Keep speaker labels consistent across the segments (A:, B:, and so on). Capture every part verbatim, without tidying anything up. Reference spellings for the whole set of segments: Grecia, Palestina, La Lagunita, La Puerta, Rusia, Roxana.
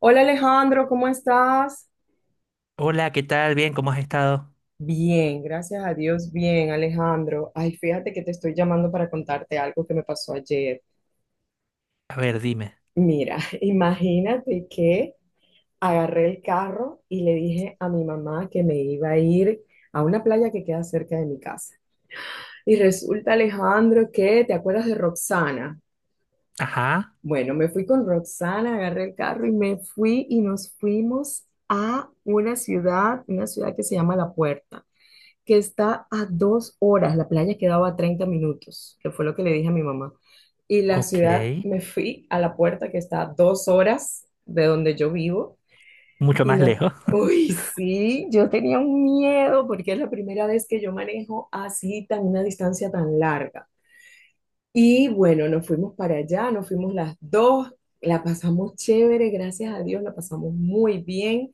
A: Hola, Alejandro, ¿cómo estás?
B: Hola, ¿qué tal? Bien, ¿cómo has estado?
A: Bien, gracias a Dios, bien, Alejandro. Ay, fíjate que te estoy llamando para contarte algo que me pasó ayer.
B: A ver, dime.
A: Mira, imagínate que agarré el carro y le dije a mi mamá que me iba a ir a una playa que queda cerca de mi casa. Y resulta, Alejandro, que, ¿te acuerdas de Roxana?
B: Ajá,
A: Bueno, me fui con Roxana, agarré el carro y me fui y nos fuimos a una ciudad, una ciudad que se llama La Puerta, que está a dos horas. La playa quedaba a treinta minutos, que fue lo que le dije a mi mamá. Y la ciudad,
B: ok.
A: me fui a La Puerta, que está a dos horas de donde yo vivo
B: Mucho
A: y
B: más
A: no.
B: lejos.
A: Uy, sí, yo tenía un miedo porque es la primera vez que yo manejo así tan una distancia tan larga. Y bueno, nos fuimos para allá, nos fuimos las dos, la pasamos chévere, gracias a Dios, la pasamos muy bien.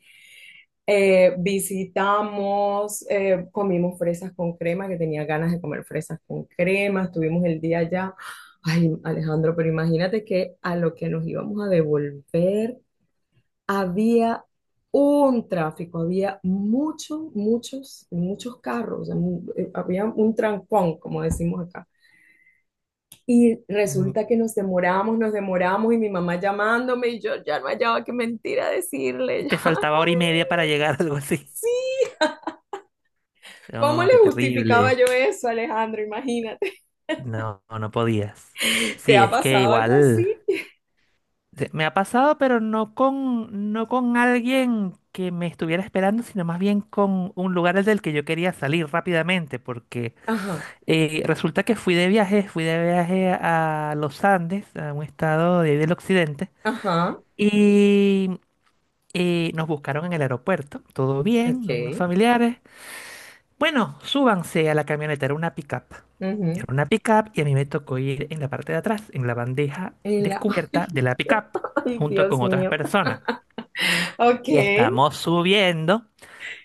A: Eh, visitamos, eh, comimos fresas con crema, que tenía ganas de comer fresas con crema, estuvimos el día allá. Ay, Alejandro, pero imagínate que a lo que nos íbamos a devolver había un tráfico, había muchos, muchos, muchos carros, o sea, mu- eh, había un trancón, como decimos acá. Y
B: Mm,
A: resulta que nos demoramos, nos demoramos y mi mamá llamándome y yo ya no hallaba qué mentira
B: Y
A: decirle.
B: te faltaba hora y media para llegar, algo así.
A: ¿Cómo
B: No,
A: le
B: qué
A: justificaba
B: terrible.
A: yo eso, Alejandro? Imagínate.
B: No, no podías.
A: ¿Te
B: Sí,
A: ha
B: es que
A: pasado algo
B: igual
A: así?
B: se- me ha pasado, pero no con, no con alguien que me estuviera esperando, sino más bien con un lugar del que yo quería salir rápidamente, porque
A: Ajá,
B: eh, resulta que fui de viaje, fui de viaje a los Andes, a un estado de ahí del occidente.
A: ajá,
B: Y Eh, nos buscaron en el aeropuerto, todo bien, unos
A: ok.
B: familiares. Bueno, súbanse a la camioneta, era una pickup. Era
A: Ujú.
B: una pickup y a mí me tocó ir en la parte de atrás, en la bandeja
A: En la-
B: descubierta de
A: ay,
B: la pickup,
A: ay,
B: junto
A: Dios
B: con otras
A: mío.
B: personas.
A: Ok.
B: Y estamos subiendo,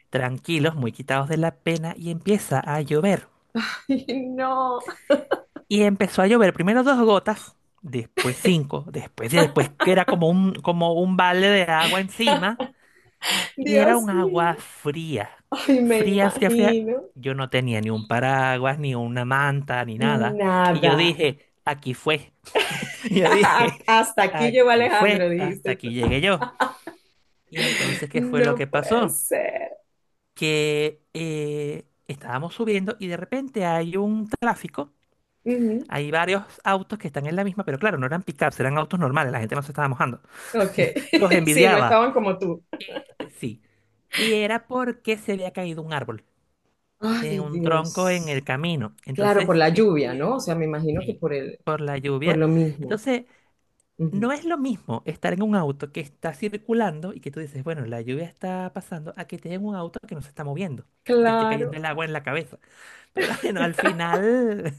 B: tranquilos, muy quitados de la pena, y empieza a llover.
A: Ay, no.
B: Y empezó a llover, primero dos gotas, después cinco, después y después que era como un, como un balde de agua encima. Y era un
A: Dios mío.
B: agua fría.
A: Ay, me
B: Fría, fría, fría.
A: imagino.
B: Yo no tenía ni un paraguas, ni una manta, ni nada. Y yo
A: Nada.
B: dije, aquí fue. Yo dije,
A: Hasta aquí llegó
B: aquí
A: Alejandro,
B: fue, hasta
A: dijiste
B: aquí
A: tú.
B: llegué yo. Y entonces, ¿qué fue lo que
A: No puede
B: pasó?
A: ser.
B: Que eh, estábamos subiendo y de repente hay un tráfico.
A: Ujú.
B: Hay varios autos que están en la misma, pero claro, no eran pickups, eran autos normales. La gente no se estaba mojando.
A: Ok.
B: Los
A: Sí, no
B: envidiaba.
A: estaban como tú.
B: Sí. Y era porque se había caído un árbol en
A: Ay,
B: un tronco en
A: Dios.
B: el camino.
A: Claro, por
B: Entonces
A: la lluvia, ¿no? O
B: estuvimos,
A: sea, me imagino que
B: sí,
A: por el,
B: por la
A: por
B: lluvia.
A: lo mismo.
B: Entonces, no
A: Ujú.
B: es lo mismo estar en un auto que está circulando y que tú dices, bueno, la lluvia está pasando, a que estés en un auto que no se está moviendo y te esté cayendo
A: Claro.
B: el agua en la cabeza. Pero bueno, al final,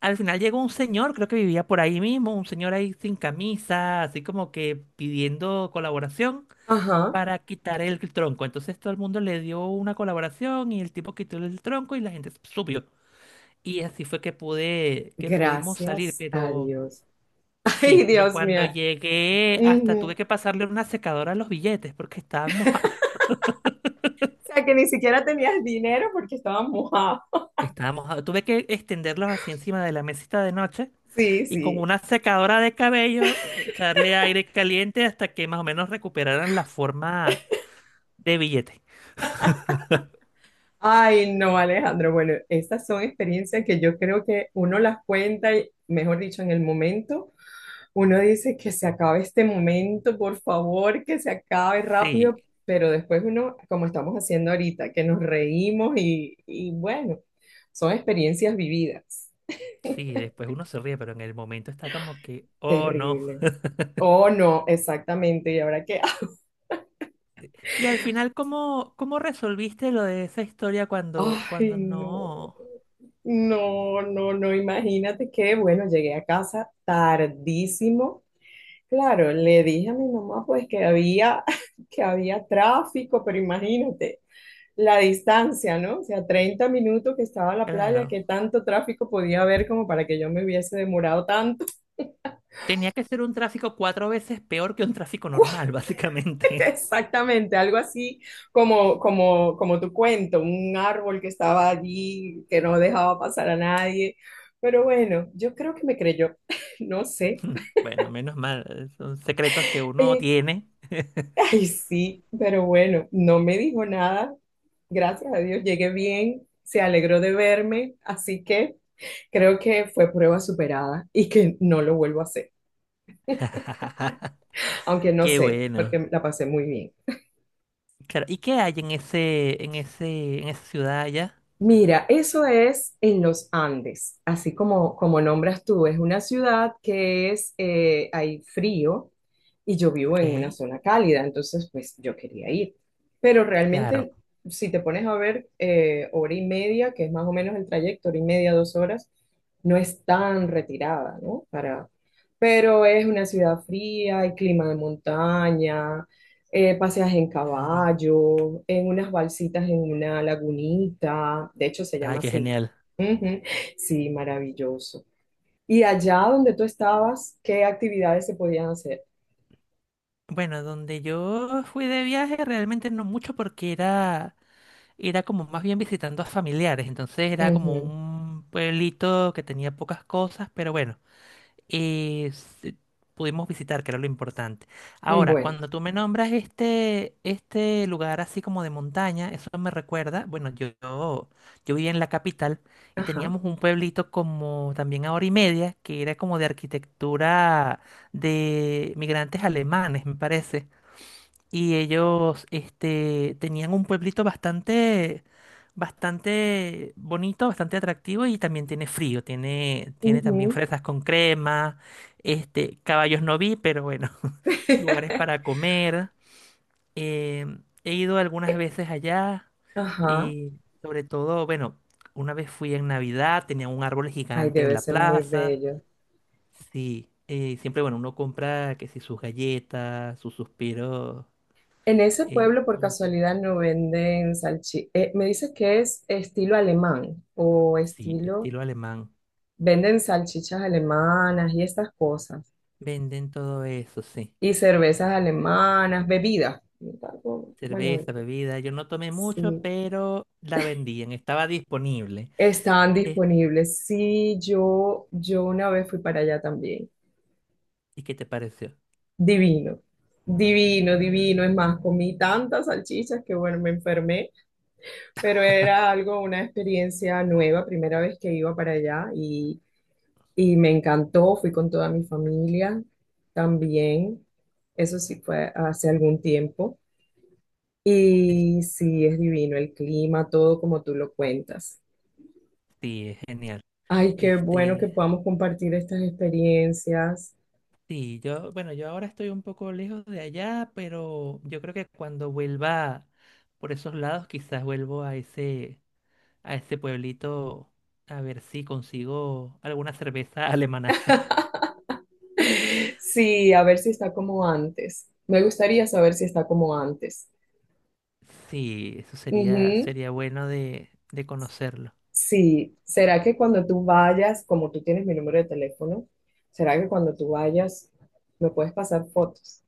B: al final llegó un señor, creo que vivía por ahí mismo, un señor ahí sin camisa, así como que pidiendo colaboración
A: Ajá.
B: para quitar el tronco. Entonces todo el mundo le dio una colaboración y el tipo quitó el tronco y la gente subió. Y así fue que pude, que pudimos salir,
A: Gracias a
B: pero
A: Dios. Ay,
B: sí, pero
A: Dios
B: cuando
A: mío.
B: llegué hasta tuve
A: Ujú.
B: que pasarle una secadora a los billetes porque estaban mojados.
A: O sea, que ni siquiera tenías dinero porque estabas mojado.
B: Estaban mojados. Tuve que extenderlos así encima de la mesita de noche
A: Sí,
B: y con
A: sí.
B: una secadora de cabello echarle aire caliente hasta que más o menos recuperaran la forma de billete.
A: Ay, no, Alejandro. Bueno, estas son experiencias que yo creo que uno las cuenta, y, mejor dicho, en el momento, uno dice que se acabe este momento, por favor, que se acabe
B: Sí,
A: rápido, pero después uno, como estamos haciendo ahorita, que nos reímos y, y bueno, son experiencias vividas.
B: sí, después uno se ríe, pero en el momento está como que, oh no.
A: Terrible. Oh, no, exactamente. Y ahora que,
B: Y al final, ¿cómo, cómo resolviste lo de esa historia cuando,
A: ay,
B: cuando
A: no,
B: no?
A: no, no, no, imagínate que, bueno, llegué a casa tardísimo. Claro, le dije a mi mamá pues que había, que había tráfico, pero imagínate. La distancia, ¿no? O sea, treinta minutos que estaba a la playa,
B: Claro.
A: ¿que tanto tráfico podía haber como para que yo me hubiese demorado tanto?
B: Tenía que ser un tráfico cuatro veces peor que un tráfico
A: ¿Cuál?
B: normal, básicamente.
A: Exactamente, algo así como, como, como tu cuento, un árbol que estaba allí, que no dejaba pasar a nadie. Pero bueno, yo creo que me creyó, no sé.
B: Bueno, menos mal. Son secretos que uno
A: Eh,
B: tiene.
A: Ay, sí, pero bueno, no me dijo nada. Gracias a Dios, llegué bien, se alegró de verme, así que creo que fue prueba superada y que no lo vuelvo a hacer, aunque no
B: Qué
A: sé,
B: bueno.
A: porque la pasé muy bien.
B: Claro. ¿Y qué hay en ese, en ese, en esa ciudad allá?
A: Mira, eso es en los Andes, así como, como nombras tú, es una ciudad que es, eh, hay frío y yo vivo en una
B: Ok.
A: zona cálida, entonces pues yo quería ir. Pero
B: Claro.
A: realmente, si te pones a ver, eh, hora y media, que es más o menos el trayecto, hora y media, dos horas, no es tan retirada, ¿no? Para, pero es una ciudad fría, hay clima de montaña, eh, paseas en
B: Claro.
A: caballo, en unas balsitas en una lagunita, de hecho se
B: Ay,
A: llama
B: qué
A: así.
B: genial.
A: Ujú, sí, maravilloso. Y allá donde tú estabas, ¿qué actividades se podían hacer?
B: Bueno, donde yo fui de viaje realmente no mucho porque era, era como más bien visitando a familiares. Entonces era como un pueblito que tenía pocas cosas, pero bueno. eh, se- Pudimos visitar, que era lo importante.
A: Ujú,
B: Ahora,
A: bueno,
B: cuando tú me nombras este, este lugar así como de montaña, eso me recuerda, bueno, yo, yo, yo vivía en la capital y
A: ajá,
B: teníamos un pueblito como también a hora y media, que era como de arquitectura de migrantes alemanes, me parece. Y ellos, este, tenían un pueblito bastante, bastante bonito, bastante atractivo y también tiene frío, tiene, tiene también
A: ujú.
B: fresas con crema, este, caballos no vi, pero bueno, lugares para comer. Em, he ido algunas
A: Eh,
B: veces allá
A: ajá,
B: y sobre todo, bueno, una vez fui en Navidad, tenía un árbol
A: ay,
B: gigante en
A: debe
B: la
A: ser muy
B: plaza.
A: bello.
B: Sí, eh, siempre, bueno, uno compra que si sus galletas, sus suspiros
A: En ese
B: eh,
A: pueblo, por
B: dulces.
A: casualidad, ¿no venden salchichas? Me dices que es estilo alemán o
B: Sí,
A: estilo,
B: estilo alemán.
A: ¿venden salchichas alemanas y estas cosas?
B: Venden todo eso, sí.
A: Y cervezas alemanas, bebidas. Algo- bueno,
B: Cerveza,
A: bebidas.
B: bebida. Yo no tomé mucho,
A: Sí,
B: pero la vendían, estaba disponible.
A: estaban
B: ¿Qué-
A: disponibles. Sí, yo, yo una vez fui para allá también.
B: ¿Y qué te pareció?
A: Divino, divino, divino. Es más, comí tantas salchichas que bueno, me enfermé, pero era algo, una experiencia nueva, primera vez que iba para allá y, y me encantó. Fui con toda mi familia también. Eso sí fue hace algún tiempo.
B: Es-
A: Y sí, es divino el clima, todo como tú lo cuentas.
B: Sí, es genial.
A: Ay, qué bueno que
B: Este,
A: podamos compartir estas experiencias.
B: sí, yo, bueno, yo ahora estoy un poco lejos de allá, pero yo creo que cuando vuelva por esos lados, quizás vuelvo a ese, a ese pueblito a ver si consigo alguna cerveza alemana.
A: Sí, a ver si está como antes. Me gustaría saber si está como antes.
B: Sí, eso sería,
A: Ujú.
B: sería bueno de, de conocerlo.
A: Sí, ¿será que cuando tú vayas, como tú tienes mi número de teléfono, será que cuando tú vayas me puedes pasar fotos?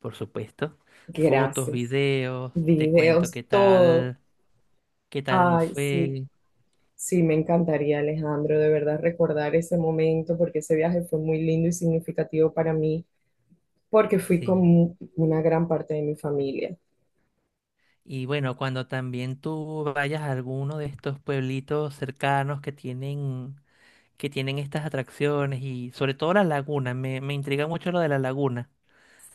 B: Por supuesto. Fotos,
A: Gracias.
B: videos, te cuento qué
A: Videos, todo.
B: tal, qué tal me
A: Ay, sí.
B: fue.
A: Sí, me encantaría, Alejandro, de verdad recordar ese momento porque ese viaje fue muy lindo y significativo para mí porque fui con
B: Sí.
A: mu- una gran parte de mi familia.
B: Y bueno, cuando también tú vayas a alguno de estos pueblitos cercanos que tienen, que tienen estas atracciones y sobre todo la laguna, me, me intriga mucho lo de la laguna.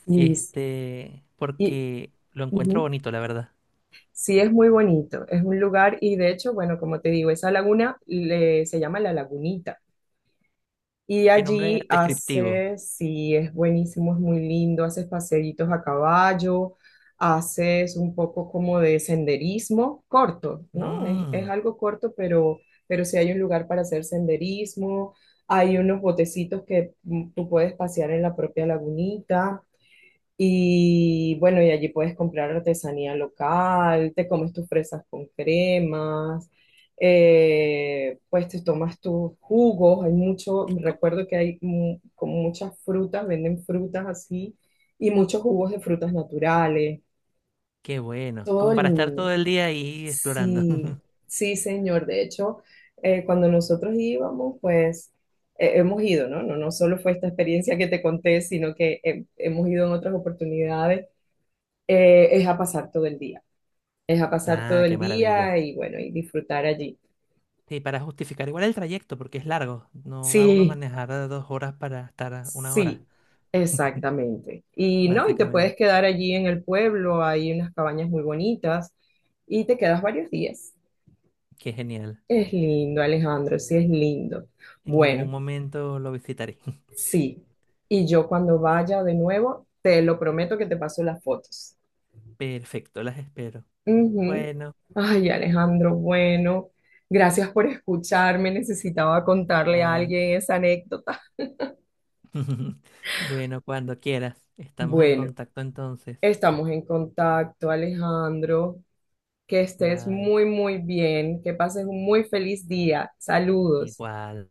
A: Y,
B: Este,
A: y
B: porque lo encuentro
A: ujú,
B: bonito, la verdad.
A: sí, es muy bonito, es un lugar y de hecho, bueno, como te digo, esa laguna le- se llama La Lagunita. Y
B: Qué nombre
A: allí
B: descriptivo.
A: haces, sí, es buenísimo, es muy lindo, haces paseitos a caballo, haces un poco como de senderismo corto, ¿no? Es, es
B: Mm,
A: algo corto, pero, pero sí hay un lugar para hacer senderismo, hay unos botecitos que mm, tú puedes pasear en la propia lagunita. Y bueno, y allí puedes comprar artesanía local, te comes tus fresas con cremas, eh, pues te tomas tus jugos, hay mucho,
B: es co-
A: recuerdo que hay mu- como muchas frutas, venden frutas así, y muchos jugos de frutas naturales,
B: Qué bueno.
A: todo
B: Como para estar todo
A: lindo.
B: el día ahí explorando.
A: Sí, sí, señor. De hecho, eh, cuando nosotros íbamos, pues eh, hemos ido, ¿no? No, no solo fue esta experiencia que te conté, sino que eh, hemos ido en otras oportunidades, eh, es a pasar todo el día, es a pasar todo
B: Ah, qué
A: el día
B: maravilla.
A: y bueno, y disfrutar allí.
B: Sí, para justificar igual el trayecto, porque es largo. No va uno a
A: Sí,
B: manejar a dos horas para estar a una hora,
A: sí, exactamente. Y no, y te puedes
B: básicamente.
A: quedar allí en el pueblo, hay unas cabañas muy bonitas y te quedas varios días.
B: Qué genial.
A: Es lindo, Alejandro, sí es lindo.
B: En
A: Bueno,
B: algún momento lo visitaré.
A: sí. Y yo cuando vaya de nuevo, te lo prometo que te paso las fotos.
B: Perfecto, las espero.
A: Ujú.
B: Bueno,
A: Ay, Alejandro, bueno, gracias por escucharme. Necesitaba contarle a
B: igual.
A: alguien esa anécdota.
B: Bueno, cuando quieras. Estamos en
A: Bueno,
B: contacto entonces.
A: estamos en contacto, Alejandro. Que estés
B: Bye.
A: muy, muy bien. Que pases un muy feliz día. Saludos.
B: Igual.